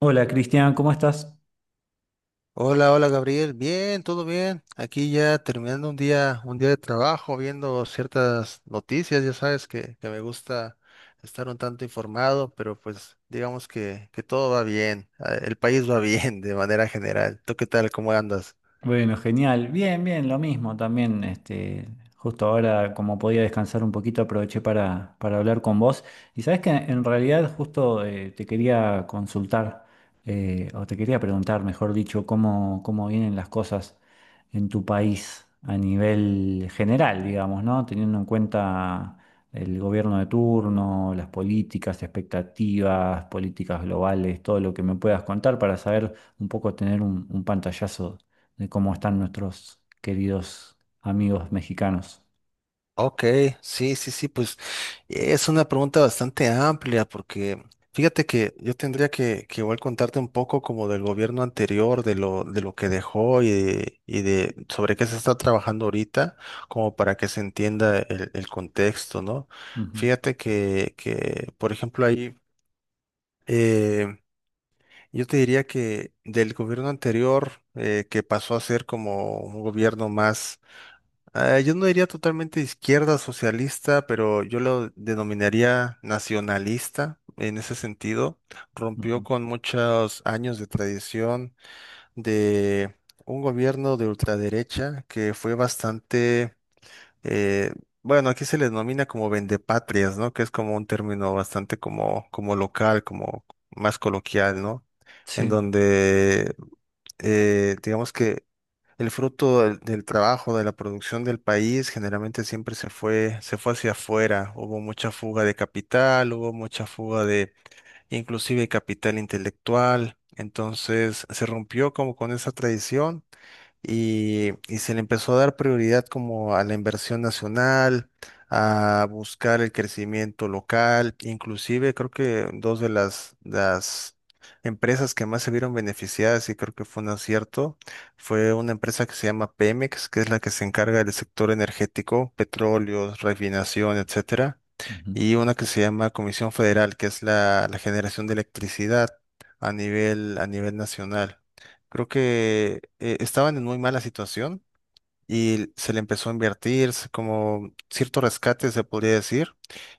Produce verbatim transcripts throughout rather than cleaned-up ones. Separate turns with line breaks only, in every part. Hola Cristian, ¿cómo estás?
Hola, hola Gabriel, bien, todo bien. Aquí ya terminando un día, un día de trabajo, viendo ciertas noticias, ya sabes que, que me gusta estar un tanto informado, pero pues digamos que, que todo va bien, eh, el país va bien de manera general. ¿Tú qué tal? ¿Cómo andas?
Bueno, genial. Bien, bien, lo mismo también. Este, justo ahora, como podía descansar un poquito, aproveché para, para hablar con vos. Y sabes que en realidad justo eh, te quería consultar, eh, o te quería preguntar, mejor dicho, cómo, cómo vienen las cosas en tu país a nivel general, digamos, ¿no? Teniendo en cuenta el gobierno de turno, las políticas, expectativas, políticas globales, todo lo que me puedas contar para saber un poco, tener un un pantallazo de cómo están nuestros queridos amigos mexicanos.
Ok, sí, sí, sí, pues es una pregunta bastante amplia porque fíjate que yo tendría que, que igual contarte un poco como del gobierno anterior, de lo, de lo que dejó y de, y de sobre qué se está trabajando ahorita, como para que se entienda el, el contexto, ¿no?
Ujú,
Fíjate que, que, por ejemplo, ahí eh, yo te diría que del gobierno anterior, eh, que pasó a ser como un gobierno más, eh, yo no diría totalmente izquierda socialista, pero yo lo denominaría nacionalista en ese sentido. Rompió
ujú.
con muchos años de tradición de un gobierno de ultraderecha que fue bastante, eh, bueno, aquí se le denomina como vendepatrias, ¿no? Que es como un término bastante como, como local, como más coloquial, ¿no? En
Sí.
donde, eh, digamos que el fruto del, del trabajo, de la producción del país, generalmente siempre se fue, se fue hacia afuera. Hubo mucha fuga de capital, hubo mucha fuga de, inclusive capital intelectual. Entonces se rompió como con esa tradición y, y se le empezó a dar prioridad como a la inversión nacional, a buscar el crecimiento local. Inclusive creo que dos de las, las empresas que más se vieron beneficiadas, y creo que fue un acierto, fue una empresa que se llama Pemex, que es la que se encarga del sector energético, petróleo, refinación, etcétera,
Ujú.
y una que se llama Comisión Federal, que es la, la generación de electricidad a nivel, a nivel nacional. Creo que, eh, estaban en muy mala situación y se le empezó a invertir se- como cierto rescate, se podría decir,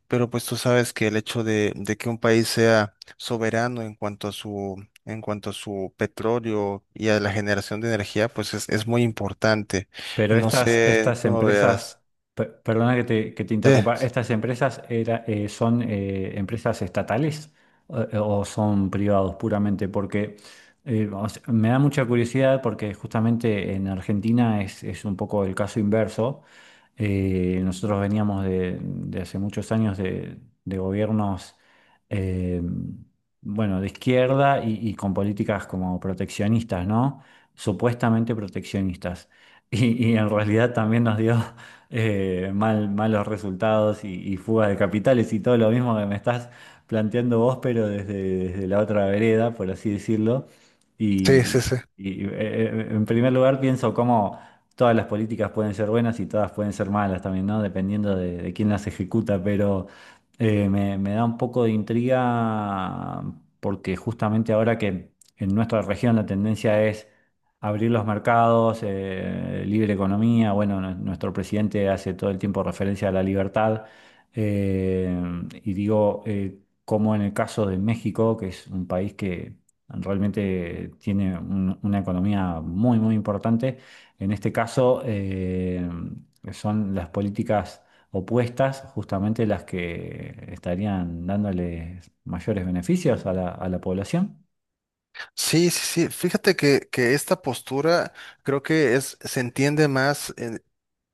pero pues tú sabes que el hecho de, de que un país sea soberano en cuanto a su, en cuanto a su petróleo y a la generación de energía, pues es, es muy importante.
Pero
No
estas,
sé
estas
cómo veas.
empresas, per- perdona que te, que te
Sí,
interrumpa, ¿estas empresas era, eh, son eh, empresas estatales eh, o, son privados puramente? Porque eh, o sea, me da mucha curiosidad porque justamente en Argentina es, es un poco el caso inverso. Eh, nosotros veníamos de, de hace muchos años de, de gobiernos eh, bueno, de izquierda y, y con políticas como proteccionistas, ¿no? Supuestamente proteccionistas. Y, y en realidad también nos dio eh, mal, malos resultados y, y fuga de capitales y todo lo mismo que me estás planteando vos, pero desde, desde la otra vereda, por así decirlo.
sí, sí.
Y,
Sí.
y, eh, eh, en primer lugar pienso cómo todas las políticas pueden ser buenas y todas pueden ser malas también, ¿no? Dependiendo de, de quién las ejecuta, pero eh, me, me da un poco de intriga porque justamente ahora que en nuestra región la tendencia es abrir los mercados, eh, libre economía. Bueno, nue- nuestro presidente hace todo el tiempo referencia a la libertad. eh, y digo, eh, como en el caso de México, que es un país que realmente tiene un- una economía muy, muy importante, en este caso eh, son las políticas opuestas justamente las que estarían dándoles mayores beneficios a la, a la población.
Sí, sí, sí. Fíjate que, que esta postura creo que es, se entiende más en-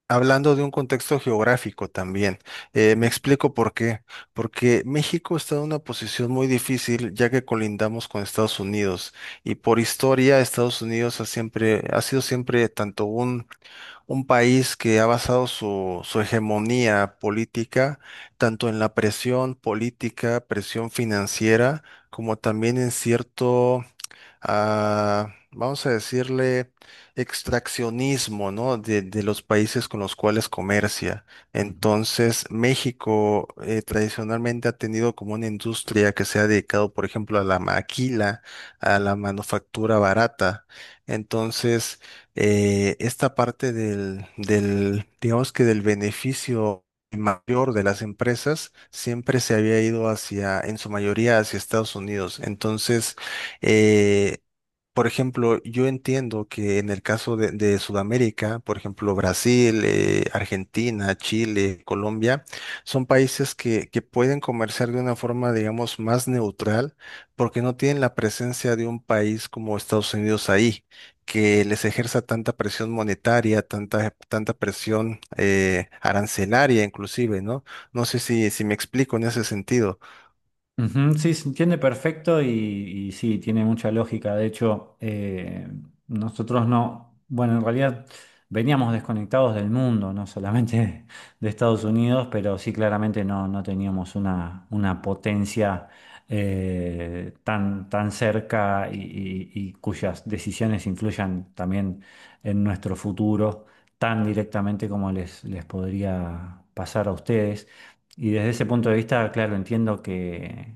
hablando de un contexto geográfico también. Eh, me
Ujú,
explico por qué. Porque México está en una posición muy difícil ya que colindamos con Estados Unidos, y por historia Estados Unidos ha siempre, ha sido siempre tanto un, un país que ha basado su, su hegemonía política tanto en la presión política, presión financiera, como también en cierto, ah, vamos a decirle, extraccionismo, ¿no? De, de los países con los cuales comercia.
ujú.
Entonces, México, eh, tradicionalmente ha tenido como una industria que se ha dedicado, por ejemplo, a la maquila, a la manufactura barata. Entonces, eh, esta parte del, del, digamos que del beneficio mayor de las empresas siempre se había ido hacia, en su mayoría, hacia Estados Unidos. Entonces, eh, por ejemplo, yo entiendo que en el caso de, de Sudamérica, por ejemplo, Brasil, eh, Argentina, Chile, Colombia, son países que, que pueden comerciar de una forma, digamos, más neutral, porque no tienen la presencia de un país como Estados Unidos ahí, que les ejerza tanta presión monetaria, tanta, tanta presión, eh, arancelaria inclusive, ¿no? No sé si, si me explico en ese sentido.
Ujú. Sí, se entiende perfecto y, y sí, tiene mucha lógica. De hecho, eh, nosotros no, bueno, en realidad veníamos desconectados del mundo, no solamente de Estados Unidos, pero sí claramente no, no teníamos una, una potencia eh, tan, tan cerca y, y- y cuyas decisiones influyan también en nuestro futuro tan directamente como les, les podría pasar a ustedes. Y desde ese punto de vista, claro, entiendo que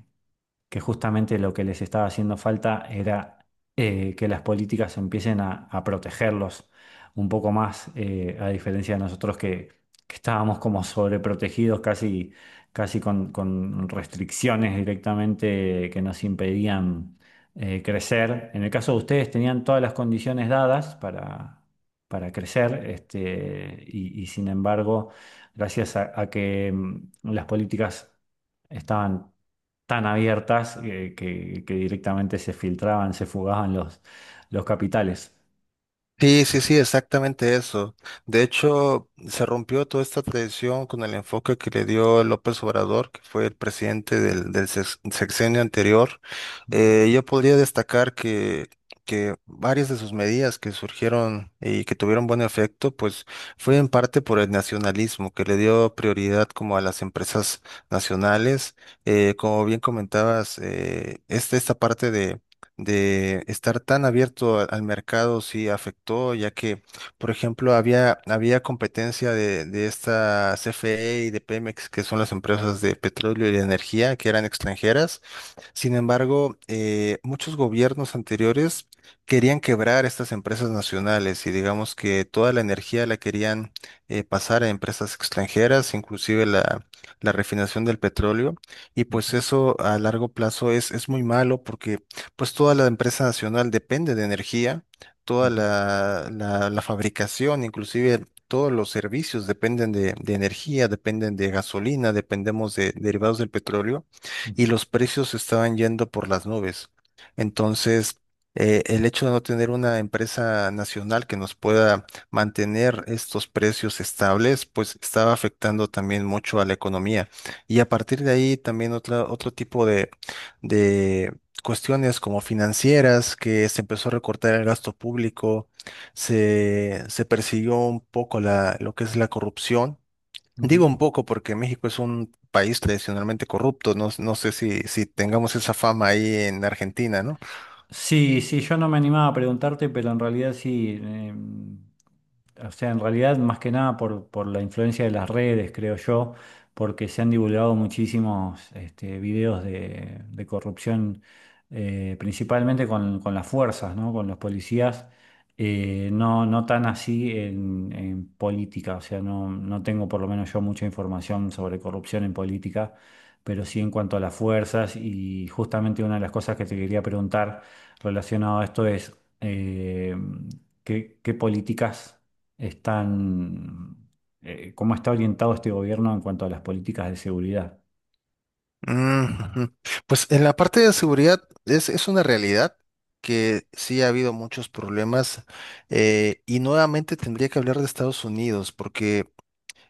que justamente lo que les estaba haciendo falta era eh, que las políticas empiecen a, a protegerlos un poco más, eh, a diferencia de nosotros que, que estábamos como sobreprotegidos, casi, casi con, con restricciones directamente que nos impedían eh, crecer. En el caso de ustedes tenían todas las condiciones dadas para... para crecer, este, y, y sin embargo, gracias a, a que mm, las políticas estaban tan abiertas eh, que, que directamente se filtraban, se fugaban los, los capitales.
Sí, sí, sí, exactamente eso. De hecho, se rompió toda esta tradición con el enfoque que le dio López Obrador, que fue el presidente del, del sex- sexenio anterior.
Ujú,
Eh, yo podría destacar que, que varias de sus medidas que surgieron y que tuvieron buen efecto, pues fue en parte por el nacionalismo, que le dio prioridad como a las empresas nacionales. Eh, como bien comentabas, eh, esta, esta parte de estar tan abierto a- al mercado sí afectó, ya que, por ejemplo, había, había competencia de, de esta C F E y de Pemex, que son las empresas de petróleo y de energía, que eran extranjeras. Sin embargo, eh, muchos gobiernos anteriores querían quebrar estas empresas nacionales, y digamos que toda la energía la querían, eh, pasar a empresas extranjeras, inclusive la, la refinación del petróleo. Y
ujú,
pues eso a largo plazo es, es muy malo porque pues toda la empresa nacional depende de energía, toda
ujú,
la, la- la fabricación, inclusive. Todos los servicios dependen de, de energía, dependen de gasolina, dependemos de derivados del petróleo,
ujú,
y los precios estaban yendo por las nubes. Entonces, eh, el hecho de no tener una empresa nacional que nos pueda mantener estos precios estables, pues estaba afectando también mucho a la economía. Y a partir de ahí también otra, otro tipo de, de cuestiones como financieras, que se empezó a recortar el gasto público, se, se persiguió un poco la, lo que es la corrupción. Digo
ujú.
un poco porque México es un país tradicionalmente corrupto. No, no sé si, si tengamos esa fama ahí en Argentina, ¿no?
Sí, sí, yo no me animaba a preguntarte, pero en realidad sí. Em, o sea, en realidad más que nada por, por la influencia de las redes, creo yo, porque se han divulgado muchísimos este, videos de, de corrupción, eh, principalmente con, con las fuerzas, ¿no? Con los policías. Eh, no, no tan así en, en política, o sea, no, no tengo por lo menos yo mucha información sobre corrupción en política, pero sí en cuanto a las fuerzas y justamente una de las cosas que te quería preguntar relacionado a esto es eh, ¿qué, ¿qué políticas están, eh, cómo está orientado este gobierno en cuanto a las políticas de seguridad?
Mm, ujú. Pues en la parte de seguridad es, es una realidad que sí ha habido muchos problemas, eh, y nuevamente tendría que hablar de Estados Unidos porque,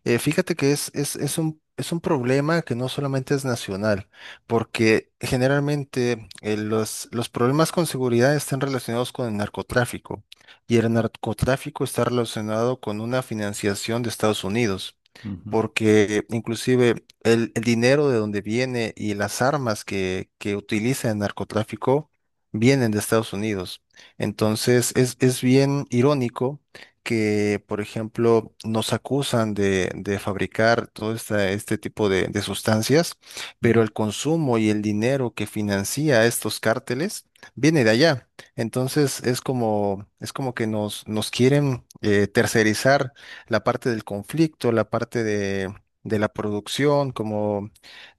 Eh, fíjate que es, es, es un, es un problema que no solamente es nacional, porque generalmente, eh, los, los problemas con seguridad están relacionados con el narcotráfico, y el narcotráfico está relacionado con una financiación de Estados Unidos,
Ujú,
porque inclusive el, el dinero de donde viene y las armas que, que utiliza el narcotráfico vienen de Estados Unidos. Entonces es, es bien irónico que, por ejemplo, nos acusan de, de fabricar todo esta- este tipo de, de sustancias, pero
ujú.
el consumo y el dinero que financia estos cárteles viene de allá. Entonces es como, es como que nos, nos quieren, eh, tercerizar la parte del conflicto, la parte de, de la producción, como,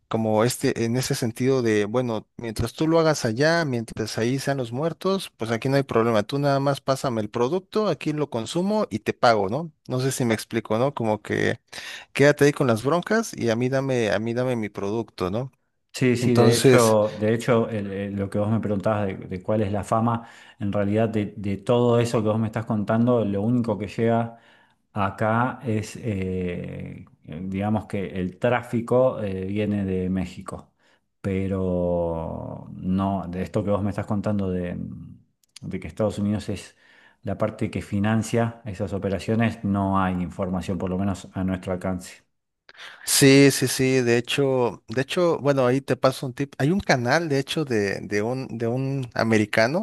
como este, en ese sentido de, bueno, mientras tú lo hagas allá, mientras ahí sean los muertos, pues aquí no hay problema. Tú nada más pásame el producto, aquí lo consumo y te pago, ¿no? No sé si me explico, ¿no? Como que quédate ahí con las broncas, y a mí dame, a mí dame mi producto, ¿no?
Sí, sí, de
Entonces,
hecho, de hecho el- el- lo que vos me preguntabas de, de cuál es la fama, en realidad de, de todo eso que vos me estás contando, lo único que llega acá es, eh, digamos que el tráfico eh, viene de México, pero no, de esto que vos me estás contando de, de que Estados Unidos es la parte que financia esas operaciones, no hay información, por lo menos a nuestro alcance.
sí, sí, sí, de hecho, de hecho, bueno, ahí te paso un tip. Hay un canal, de hecho, de, de un, de un americano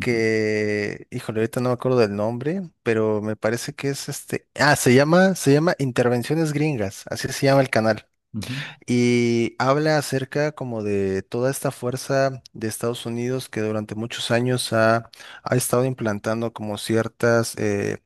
Ujú,
híjole, ahorita no me acuerdo del nombre, pero me parece que es este, ah, se llama, se llama Intervenciones Gringas, así se llama el canal.
ujú,
Y habla acerca como de toda esta fuerza de Estados Unidos que durante muchos años ha, ha estado implantando como ciertas, eh,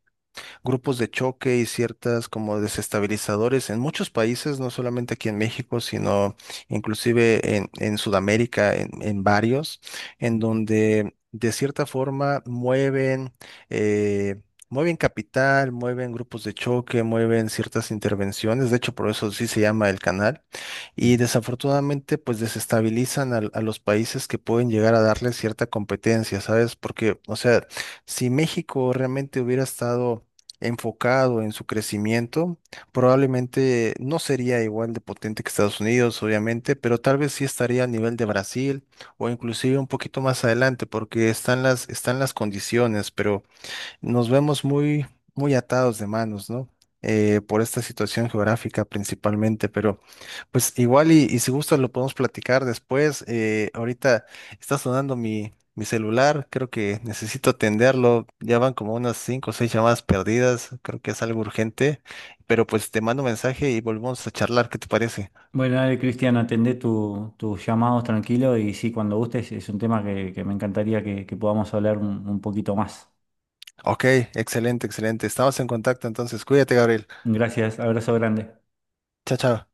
grupos de choque y ciertas como desestabilizadores en muchos países, no solamente aquí en México, sino inclusive en, en Sudamérica, en, en varios, en
ujú,
donde de cierta forma mueven. eh, Mueven capital, mueven grupos de choque, mueven ciertas intervenciones, de hecho por eso sí se llama el canal, y
ujú.
desafortunadamente pues desestabilizan al- a los países que pueden llegar a darle cierta competencia, ¿sabes? Porque, o sea, si México realmente hubiera estado enfocado en su crecimiento, probablemente no sería igual de potente que Estados Unidos, obviamente, pero tal vez sí estaría a nivel de Brasil, o inclusive un poquito más adelante, porque están las, están las condiciones, pero nos vemos muy, muy atados de manos, ¿no? Eh, por esta situación geográfica principalmente, pero pues igual, y, y si gustas lo podemos platicar después. Eh, ahorita está sonando mi, mi celular, creo que necesito atenderlo. Ya van como unas cinco o seis llamadas perdidas, creo que es algo urgente, pero pues te mando mensaje y volvemos a charlar, ¿qué te parece?
Bueno, dale, Cristian, atendé tu- tus llamados tranquilo y sí, cuando gustes, es un tema que, que me encantaría que, que podamos hablar un, un poquito más.
Ok, excelente, excelente. Estamos en contacto entonces, cuídate, Gabriel.
Gracias, abrazo grande.
Chao, chao.